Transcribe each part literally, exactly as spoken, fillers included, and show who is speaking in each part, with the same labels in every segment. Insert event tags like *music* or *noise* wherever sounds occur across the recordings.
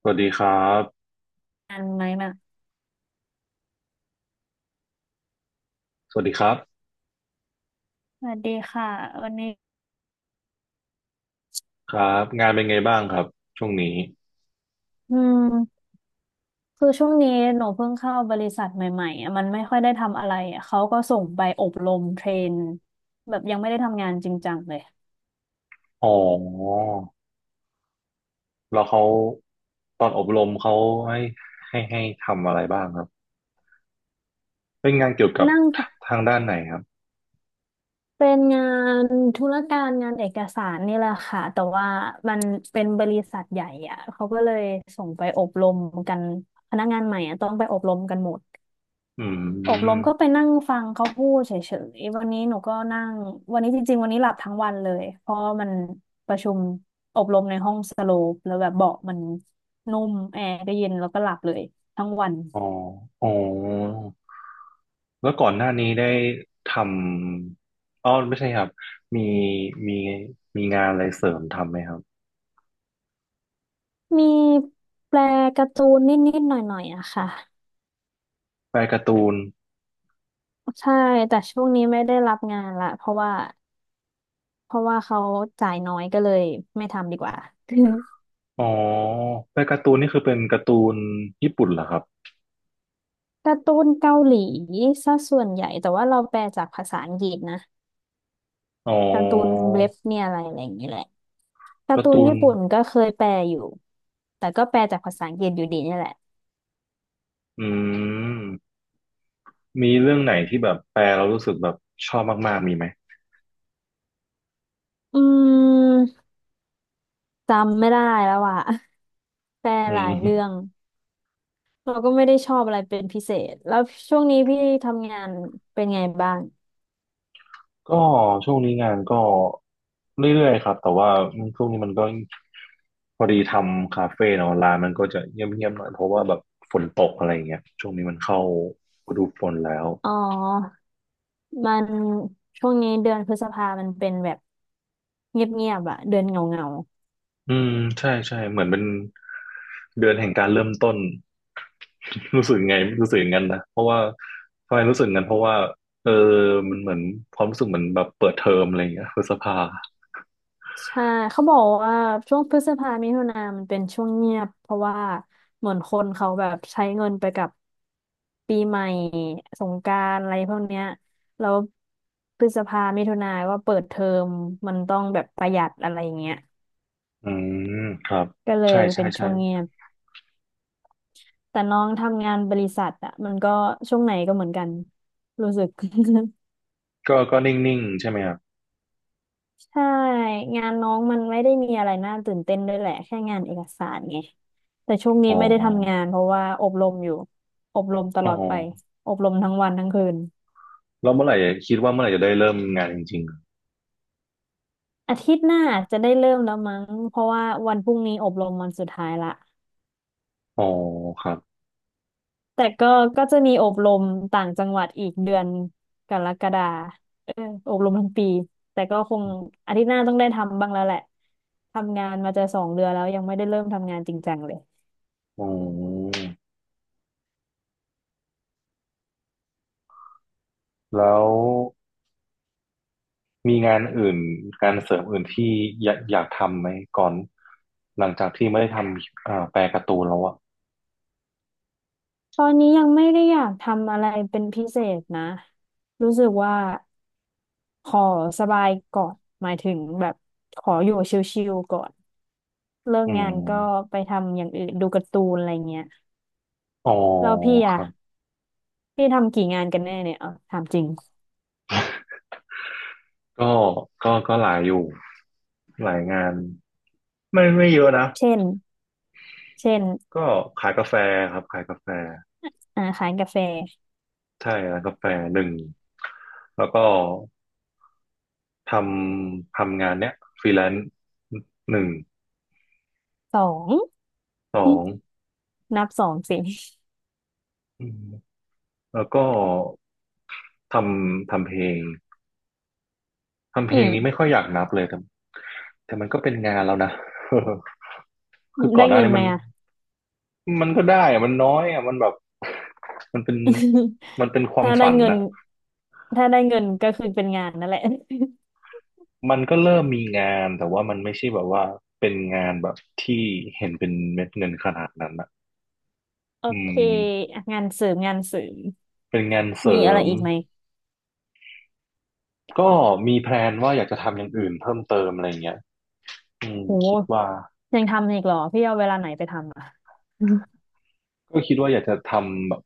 Speaker 1: สวัสดีครับ
Speaker 2: กันไหมนะ
Speaker 1: สวัสดีครับ
Speaker 2: สวัสดีค่ะวันนี้
Speaker 1: ครับงานเป็นไงบ้างครับช่วงนี้
Speaker 2: อืมคือช่วงนี้หนูเพิ่งเข้าบริษัทใหม่ๆอะมันไม่ค่อยได้ทำอะไรอะเขาก็ส่งไปอบรมเทรนแบบยังไม่ได้ทำงานจริงจังเลย
Speaker 1: อ๋อแล้วเขาตอนอบรมเขาให้ให้ให้ทำอะไรบ้างครับเป็นงานเกี่ยวกับ
Speaker 2: นั่ง
Speaker 1: ท
Speaker 2: ฟง
Speaker 1: ทางด้านไหนครับ
Speaker 2: เป็นงานธุรการงานเอกสารนี่แหละค่ะแต่ว่ามันเป็นบริษัทใหญ่อะเขาก็เลยส่งไปอบรมกันพนักงานใหม่อะต้องไปอบรมกันหมด
Speaker 1: อื
Speaker 2: อบรม
Speaker 1: ม
Speaker 2: ก็ไปนั่งฟังเขาพูดเฉยๆวันนี้หนูก็นั่งวันนี้จริงๆวันนี้หลับทั้งวันเลยเพราะมันประชุมอบรมในห้องสโลปแล้วแบบเบาะมันนุ่มแอร์ก็เย็นแล้วก็หลับเลยทั้งวัน
Speaker 1: อ๋ออ๋อแล้วก่อนหน้านี้ได้ทำอ๋อไม่ใช่ครับ มีมีมีงานอะไรเสริมทำไหมครับ
Speaker 2: มีแปลการ์ตูนนิดๆหน่อยๆอะค่ะ
Speaker 1: แปลการ์ตูน
Speaker 2: ใช่แต่ช่วงนี้ไม่ได้รับงานละเพราะว่าเพราะว่าเขาจ่ายน้อยก็เลยไม่ทำดีกว่า *laughs*
Speaker 1: อ๋อแปลการ์ตูนนี่คือเป็นการ์ตูนญี่ปุ่นเหรอครับ
Speaker 2: การ์ตูนเกาหลีซะส่วนใหญ่แต่ว่าเราแปลจากภาษาอังกฤษนะ
Speaker 1: อ๋
Speaker 2: การ์ตูน
Speaker 1: อ
Speaker 2: เว็บเนี่ยอะไรอะไรอย่างนี้แหละการ์
Speaker 1: กา
Speaker 2: ตู
Speaker 1: ร์
Speaker 2: น
Speaker 1: ตูน
Speaker 2: ญี่ปุ่นก็เคยแปลอยู่แต่ก็แปลจากภาษาอังกฤษอยู่ดีเนี่ยแหละ
Speaker 1: อืมมีเรื่องไหนที่แบบแปลเรารู้สึกแบบชอบมากๆมีไหม
Speaker 2: อืมจำไม่ได้แล้วอ่ะ *laughs* แปล
Speaker 1: อื
Speaker 2: หลายเรื่อ
Speaker 1: ม
Speaker 2: งเราก็ไม่ได้ชอบอะไรเป็นพิเศษแล้วช่วงนี้พี่ทำงานเป็นไงบ้าง
Speaker 1: ก็ช่วงนี้งานก็เรื่อยๆครับแต่ว่าช่วงนี้มันก็พอดีทำคาเฟ่เนาะร้านมันก็จะเงียบๆหน่อยเพราะว่าแบบฝนตกอะไรอย่างเงี้ยช่วงนี้มันเข้าฤดูฝนแล้ว
Speaker 2: อ๋อมันช่วงนี้เดือนพฤษภามันเป็นแบบเงียบๆอ่ะเดือนเหงา
Speaker 1: อืมใช่ใช่เหมือนเป็นเดือนแห่งการเริ่มต้น *laughs* รู้สึกไงรู้สึกอย่างนั้นนะเพราะว่าทำไมรู้สึกงั้นเพราะว่าเออมันเหมือนความรู้สึกเหมือนแบบเปิดเทอมอะไรอย่างเงี้ยพฤษภา
Speaker 2: ใช่เขาบอกว่าช่วงพฤษภามิถุนามันเป็นช่วงเงียบเพราะว่าเหมือนคนเขาแบบใช้เงินไปกับปีใหม่สงกรานต์อะไรพวกเนี้ยแล้วพฤษภามิถุนาก็เปิดเทอมมันต้องแบบประหยัดอะไรอย่างเงี้ย
Speaker 1: อืมครับ
Speaker 2: ก็เลย
Speaker 1: ใช่ใช่
Speaker 2: เป็นช่
Speaker 1: ใช่
Speaker 2: วงเงียบแต่น้องทำงานบริษัทอะมันก็ช่วงไหนก็เหมือนกันรู้สึก *laughs*
Speaker 1: ก็ก็นิ่งๆใช่ไหมครับ
Speaker 2: ใช่งานน้องมันไม่ได้มีอะไรน่าตื่นเต้นด้วยแหละแค่งานเอกสารไงแต่ช่วงนี้
Speaker 1: อ๋อ
Speaker 2: ไม่ได้ทำงานเพราะว่าอบรมอยู่อบรมต
Speaker 1: อ๋
Speaker 2: ล
Speaker 1: อ
Speaker 2: อดไปอบรมทั้งวันทั้งคืน
Speaker 1: แล้วเมื่อไหร่คิดว่าเมื่อไหร่จะได้เริ่มงานจริง
Speaker 2: อาทิตย์หน้าจะได้เริ่มแล้วมั้งเพราะว่าวันพรุ่งนี้อบรมวันสุดท้ายละ
Speaker 1: ๆอ๋อครับ
Speaker 2: แต่ก็ก็จะมีอบรมต่างจังหวัดอีกเดือนกรกฎาเอออบรมทั้งปีแต่ก็คงอาทิตย์หน้าต้องได้ทำบ้างแล้วแหละทำงานมาจะสองเดือนแล้วยังไม่ได้เริ่มทำงานจริงจังเลย
Speaker 1: อ๋อแล้ว มีงานอื่นงานเสริมอื่นที่อยากอยากทำไหมก่อนหลังจากที่ไม่ได้ทำอ่าแปลการ์ตูนแล้วอ่ะ
Speaker 2: ตอนนี้ยังไม่ได้อยากทำอะไรเป็นพิเศษนะ รู้สึกว่าขอสบายก่อนหมายถึงแบบขออยู่ชิลๆก่อนเลิก
Speaker 1: อื
Speaker 2: งานก็
Speaker 1: ม
Speaker 2: ไปทำอย่างอื่นดูการ์ตูนอะไรเงี้ย
Speaker 1: อ๋อ
Speaker 2: แล้วพี่
Speaker 1: ค
Speaker 2: อะ
Speaker 1: รับ
Speaker 2: พี่ทำกี่งานกันแน่เนี่ยเอาถามจริง
Speaker 1: ก็ก็ก็หลายอยู่หลายงานไม่ไม่เยอะนะ
Speaker 2: เช่นเช่น
Speaker 1: ก็ขายกาแฟครับขายกาแฟ
Speaker 2: อ่าขายกาแฟ
Speaker 1: ใช่ร้านกาแฟหนึ่งแล้วก็ทำทำงานเนี้ยฟรีแลนซ์หนึ่ง
Speaker 2: สอง
Speaker 1: สอ
Speaker 2: หึ
Speaker 1: ง
Speaker 2: นับสองสิ
Speaker 1: อืมแล้วก็ทำทำเพลง ทำเพ
Speaker 2: อื
Speaker 1: ลงนี้ไม่
Speaker 2: ม
Speaker 1: ค่อยอยากนับเลยแต่แต่มันก็เป็นงานแล้วนะ *laughs* คือก่อ
Speaker 2: ได้
Speaker 1: นหน้า
Speaker 2: เงิน
Speaker 1: นี้
Speaker 2: ไหม
Speaker 1: มัน
Speaker 2: อะ
Speaker 1: มันก็ได้อะมันน้อยอะมันแบบ *laughs* มันเป็น
Speaker 2: *laughs*
Speaker 1: มันเป็นความ
Speaker 2: ถ้าได้
Speaker 1: ฝัน
Speaker 2: เงิน
Speaker 1: นะ
Speaker 2: ถ้าได้เงินก็คือเป็นงานนั่นแหละ *laughs*
Speaker 1: มันก็เริ่มมีงานแต่ว่ามันไม่ใช่แบบว่าเป็นงานแบบที่เห็นเป็นเม็ดเงินขนาดนั้นนะ
Speaker 2: โอ
Speaker 1: อื
Speaker 2: เค
Speaker 1: ม
Speaker 2: อ่ะงานเสริมงานเสริม
Speaker 1: เป็นงานเสริ
Speaker 2: มีอะไร
Speaker 1: ม
Speaker 2: อีกไหม
Speaker 1: ก็มีแพลนว่าอยากจะทำอย่างอื่นเพิ่มเติมอะไรเงี้ยอืมคิด
Speaker 2: โห
Speaker 1: ว่า
Speaker 2: ยังทำอีกเหรอพี่เอาเวลาไหนไปทำอ่ะอม
Speaker 1: ก็คิดว่าอยากจะทำแบบ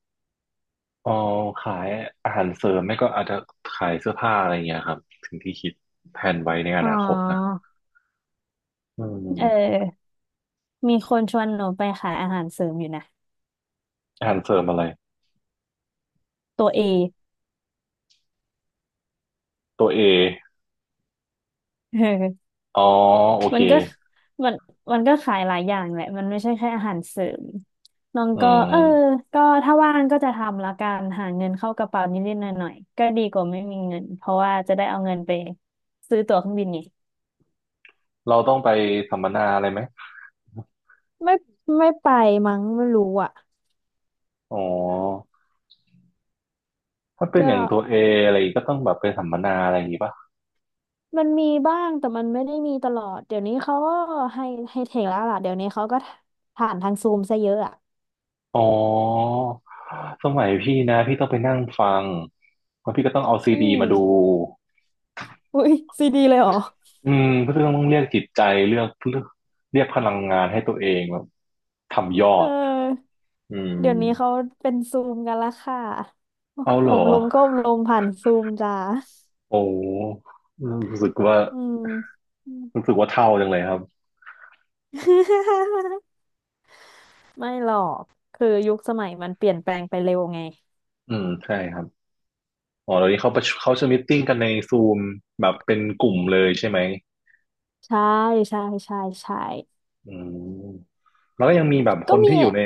Speaker 1: อ๋อขายอาหารเสริมไม่ก็อาจจะขายเสื้อผ้าอะไรเงี้ยครับถึงที่คิดแผนไว้ในอ
Speaker 2: อ๋อ
Speaker 1: นาคตนะอื
Speaker 2: เอ
Speaker 1: ม
Speaker 2: อมีคนชวนหนูไปขายอาหารเสริมอยู่นะ
Speaker 1: อาหารเสริมอะไร
Speaker 2: ตัวเอ
Speaker 1: ตัวเอ
Speaker 2: เออ *laughs*
Speaker 1: อ๋อโอเค
Speaker 2: มันก็มันมันก็ขายหลายอย่างแหละมันไม่ใช่แค่อาหารเสริมน้อง
Speaker 1: อื
Speaker 2: ก็เออ
Speaker 1: ม
Speaker 2: ก็ถ้าว่างก็จะทำละกันหาเงินเข้ากระเป๋านิดๆหน่อยๆก็ดีกว่าไม่มีเงินเพราะว่าจะได้เอาเงินไปซื้อตั๋วเครื่องบินไง
Speaker 1: เราต้องไปสัมมนาอะไรไหม
Speaker 2: ไม่ไม่ไปมั้งไม่รู้อ่ะ
Speaker 1: อ๋อถ้าเป็นอ
Speaker 2: ก็
Speaker 1: ย่างตัวเออะไรก็ต้องแบบไปสัมมนาอะไรอย่างงี้ป่ะ
Speaker 2: มันมีบ้างแต่มันไม่ได้มีตลอดเดี๋ยวนี้เขาก็ให้ให้เทคแล้วล่ะเดี๋ยวนี้เขาก็ผ่านทางซูมซะเยอะอ่ะ
Speaker 1: อ๋อสมัยพี่นะพี่ต้องไปนั่งฟังแล้วพี่ก็ต้องเอาซี
Speaker 2: อื
Speaker 1: ดีมาดู
Speaker 2: มอุ้ยซีดีเลยเหรอ
Speaker 1: อืมก็ต้องเรียกจิตใจเลือกเลือกเรียกพลังงานให้ตัวเองแบบทำยอ
Speaker 2: เ
Speaker 1: ด
Speaker 2: ออ
Speaker 1: อืม
Speaker 2: เดี๋ยวนี้เขาเป็นซูมกันละค่ะ
Speaker 1: เอาเหร
Speaker 2: อ
Speaker 1: อ
Speaker 2: บรมก็อบรมผ่านซูมจ้า
Speaker 1: โอ้รู้สึกว่า
Speaker 2: อืม *laughs* อืม
Speaker 1: รู้สึกว่าเท่าจังเลยครับ
Speaker 2: ไม่หรอกคือยุคสมัยมันเปลี่ยนแปลงไปเร็วไง
Speaker 1: อืมใช่ครับอ๋อเดี๋ยวนี้เขาประชุมเขาจะมีตติ้งกันในซูมแบบเป็นกลุ่มเลยใช่ไหม
Speaker 2: ใช่ใช่ใช่ใช่
Speaker 1: อืม แล้วก็ยังมีแบบค
Speaker 2: ก็
Speaker 1: น
Speaker 2: มี
Speaker 1: ที่อยู่ใน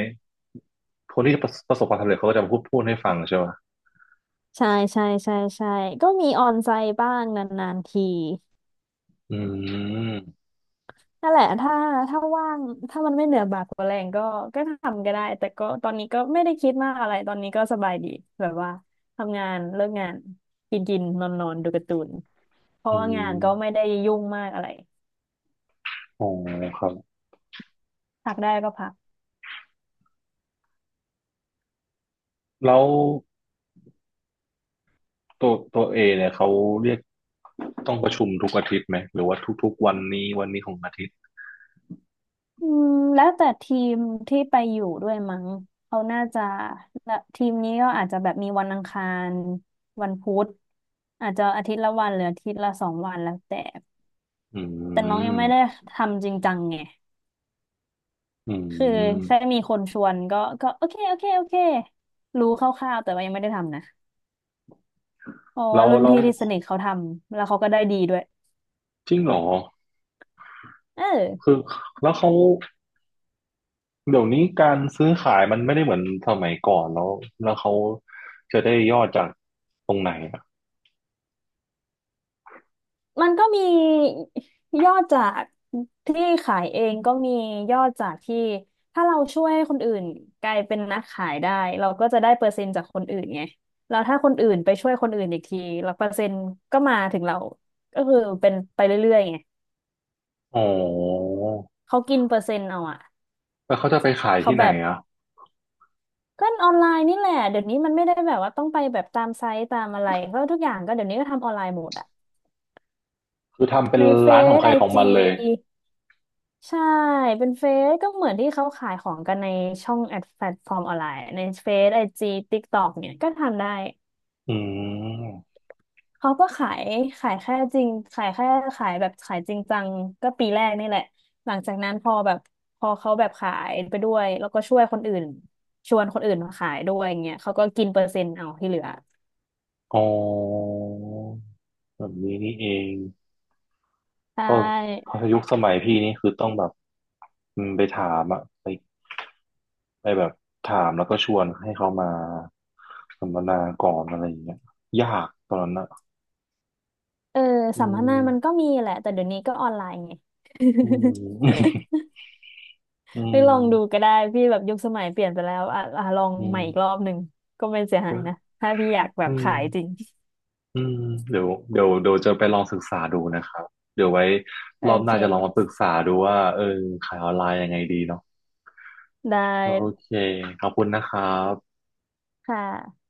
Speaker 1: คนที่ประประสบความสำเร็จเขาก็จะมาพูดพูดให้ฟังใช่ไหม
Speaker 2: ใช่ใช่ใช่ใช่ก็มีออนไซต์บ้างนานๆที
Speaker 1: อืม
Speaker 2: นั่นแหละถ้าถ้าว่างถ้ามันไม่เหนือบากกว่าแรงก็ก็ทำก็ได้แต่ก็ตอนนี้ก็ไม่ได้คิดมากอะไรตอนนี้ก็สบายดีแบบว่าทำงานเลิกงานกินกินนอนนอนดูการ์ตูนเพราะ
Speaker 1: อื
Speaker 2: ว่า
Speaker 1: ม
Speaker 2: งานก็ไม่ได้ยุ่งมากอะไร
Speaker 1: อ๋อครับ
Speaker 2: พักได้ก็พัก
Speaker 1: แล้วตัวตัวเอเนี่ยเขาเรียกต้องประชุมทุกอาทิตย์ไหมหรือว่าทุกๆวันนี้วันนี้ของอาทิตย์
Speaker 2: อืมแล้วแต่ทีมที่ไปอยู่ด้วยมั้งเขาน่าจะละทีมนี้ก็อาจจะแบบมีวันอังคารวันพุธอาจจะอาทิตย์ละวันหรืออาทิตย์ละสองวันแล้วแต่
Speaker 1: อื
Speaker 2: แต่น้อง
Speaker 1: ม
Speaker 2: ยังไม่ได้ทำจริงจังไง
Speaker 1: อื
Speaker 2: คือแค่
Speaker 1: ม
Speaker 2: มีคนชวนก็ก็โอเคโอเคโอเครู้คร่าวๆแต่ว่ายังไม่ได้ทำนะเพราะ
Speaker 1: แล้
Speaker 2: ว่า
Speaker 1: ว
Speaker 2: รุ่น
Speaker 1: แล้ว
Speaker 2: พี่ที่สนิทเขาทำแล้วเขาก็ได้ดีด้วย
Speaker 1: จริงเหรอ
Speaker 2: เอ
Speaker 1: คื
Speaker 2: อ
Speaker 1: อแล้วเขาเดี๋ยวนี้การซื้อขายมันไม่ได้เหมือนสมัยก่อนแล้ว แล้วเขาจะได้ยอดจากตรงไหนอ่ะ
Speaker 2: มันก็มียอดจากที่ขายเองก็มียอดจากที่ถ้าเราช่วยคนอื่นกลายเป็นนักขายได้เราก็จะได้เปอร์เซ็นต์จากคนอื่นไงแล้วถ้าคนอื่นไปช่วยคนอื่นอีกทีแล้วเปอร์เซ็นต์ก็มาถึงเราก็คือเป็นไปเรื่อยๆไง
Speaker 1: อ๋อ
Speaker 2: เขากินเปอร์เซ็นต์เอาอะ
Speaker 1: แล้วเขาจะไปขาย
Speaker 2: เขา
Speaker 1: ที่ไห
Speaker 2: แบ
Speaker 1: น
Speaker 2: บ
Speaker 1: อ่ะ
Speaker 2: ก็ออนไลน์นี่แหละเดี๋ยวนี้มันไม่ได้แบบว่าต้องไปแบบตามไซต์ตามอะไรก็ทุกอย่างก็เดี๋ยวนี้ก็ทำออนไลน์หมดอะ
Speaker 1: คือทำเป็น
Speaker 2: ในเฟ
Speaker 1: ร้านของ
Speaker 2: ซ
Speaker 1: ใคร
Speaker 2: ไอ
Speaker 1: ของ
Speaker 2: จี
Speaker 1: มันเลย
Speaker 2: ใช่เป็นเฟซก็เหมือนที่เขาขายของกันในช่องแอดแพลตฟอร์มออนไลน์ในเฟซไอจีติ๊กต็อกเนี่ยก็ทำได้
Speaker 1: อืม
Speaker 2: เขาก็ขายขายแค่จริงขายแค่ขายแบบขายจริงจังก็ปีแรกนี่แหละหลังจากนั้นพอแบบพอเขาแบบขายไปด้วยแล้วก็ช่วยคนอื่นชวนคนอื่นมาขายด้วยอย่างเงี้ยเขาก็กินเปอร์เซ็นต์เอาที่เหลือ
Speaker 1: อ๋อแบบนี้นี่เอง
Speaker 2: ใช
Speaker 1: เพราะเพ
Speaker 2: ่
Speaker 1: ราะยุคสมัยพี่นี่คือต้องแบบอืมไปถามอะไปไปแบบถามแล้วก็ชวนให้เขามาสัมมนาก่อนอะไรอย่างเงี้ยยากตอนนั้นอะ
Speaker 2: เออ
Speaker 1: อื
Speaker 2: สัมมนามันก็
Speaker 1: ม
Speaker 2: มีแหละแต่เดี๋ยวนี้ก็ออนไลน์ไง
Speaker 1: อืม
Speaker 2: *laughs*
Speaker 1: อื
Speaker 2: ไปลองดู
Speaker 1: ม
Speaker 2: ก็ได้พี่แบบยุคสมัยเปลี่ยนไปแล้วอ่ะอ่ะลอง
Speaker 1: อื
Speaker 2: ใหม่
Speaker 1: ม
Speaker 2: อีกรอบหนึ่งก็ไม่เสียหา
Speaker 1: ก็
Speaker 2: ยนะถ้าพี่อยากแบ
Speaker 1: อื
Speaker 2: บ
Speaker 1: ม
Speaker 2: ขายจริง
Speaker 1: อืมเดี๋ยวเดี๋ยวเดี๋ยวจะไปลองศึกษาดูนะครับเดี๋ยวไว้
Speaker 2: โอ
Speaker 1: รอบห
Speaker 2: เค
Speaker 1: น้าจะลองมาปรึกษาดูว่าเออขายออนไลน์ยังไงดีเนาะ
Speaker 2: ได้
Speaker 1: โอเคขอบคุณนะครับ
Speaker 2: ค่ะ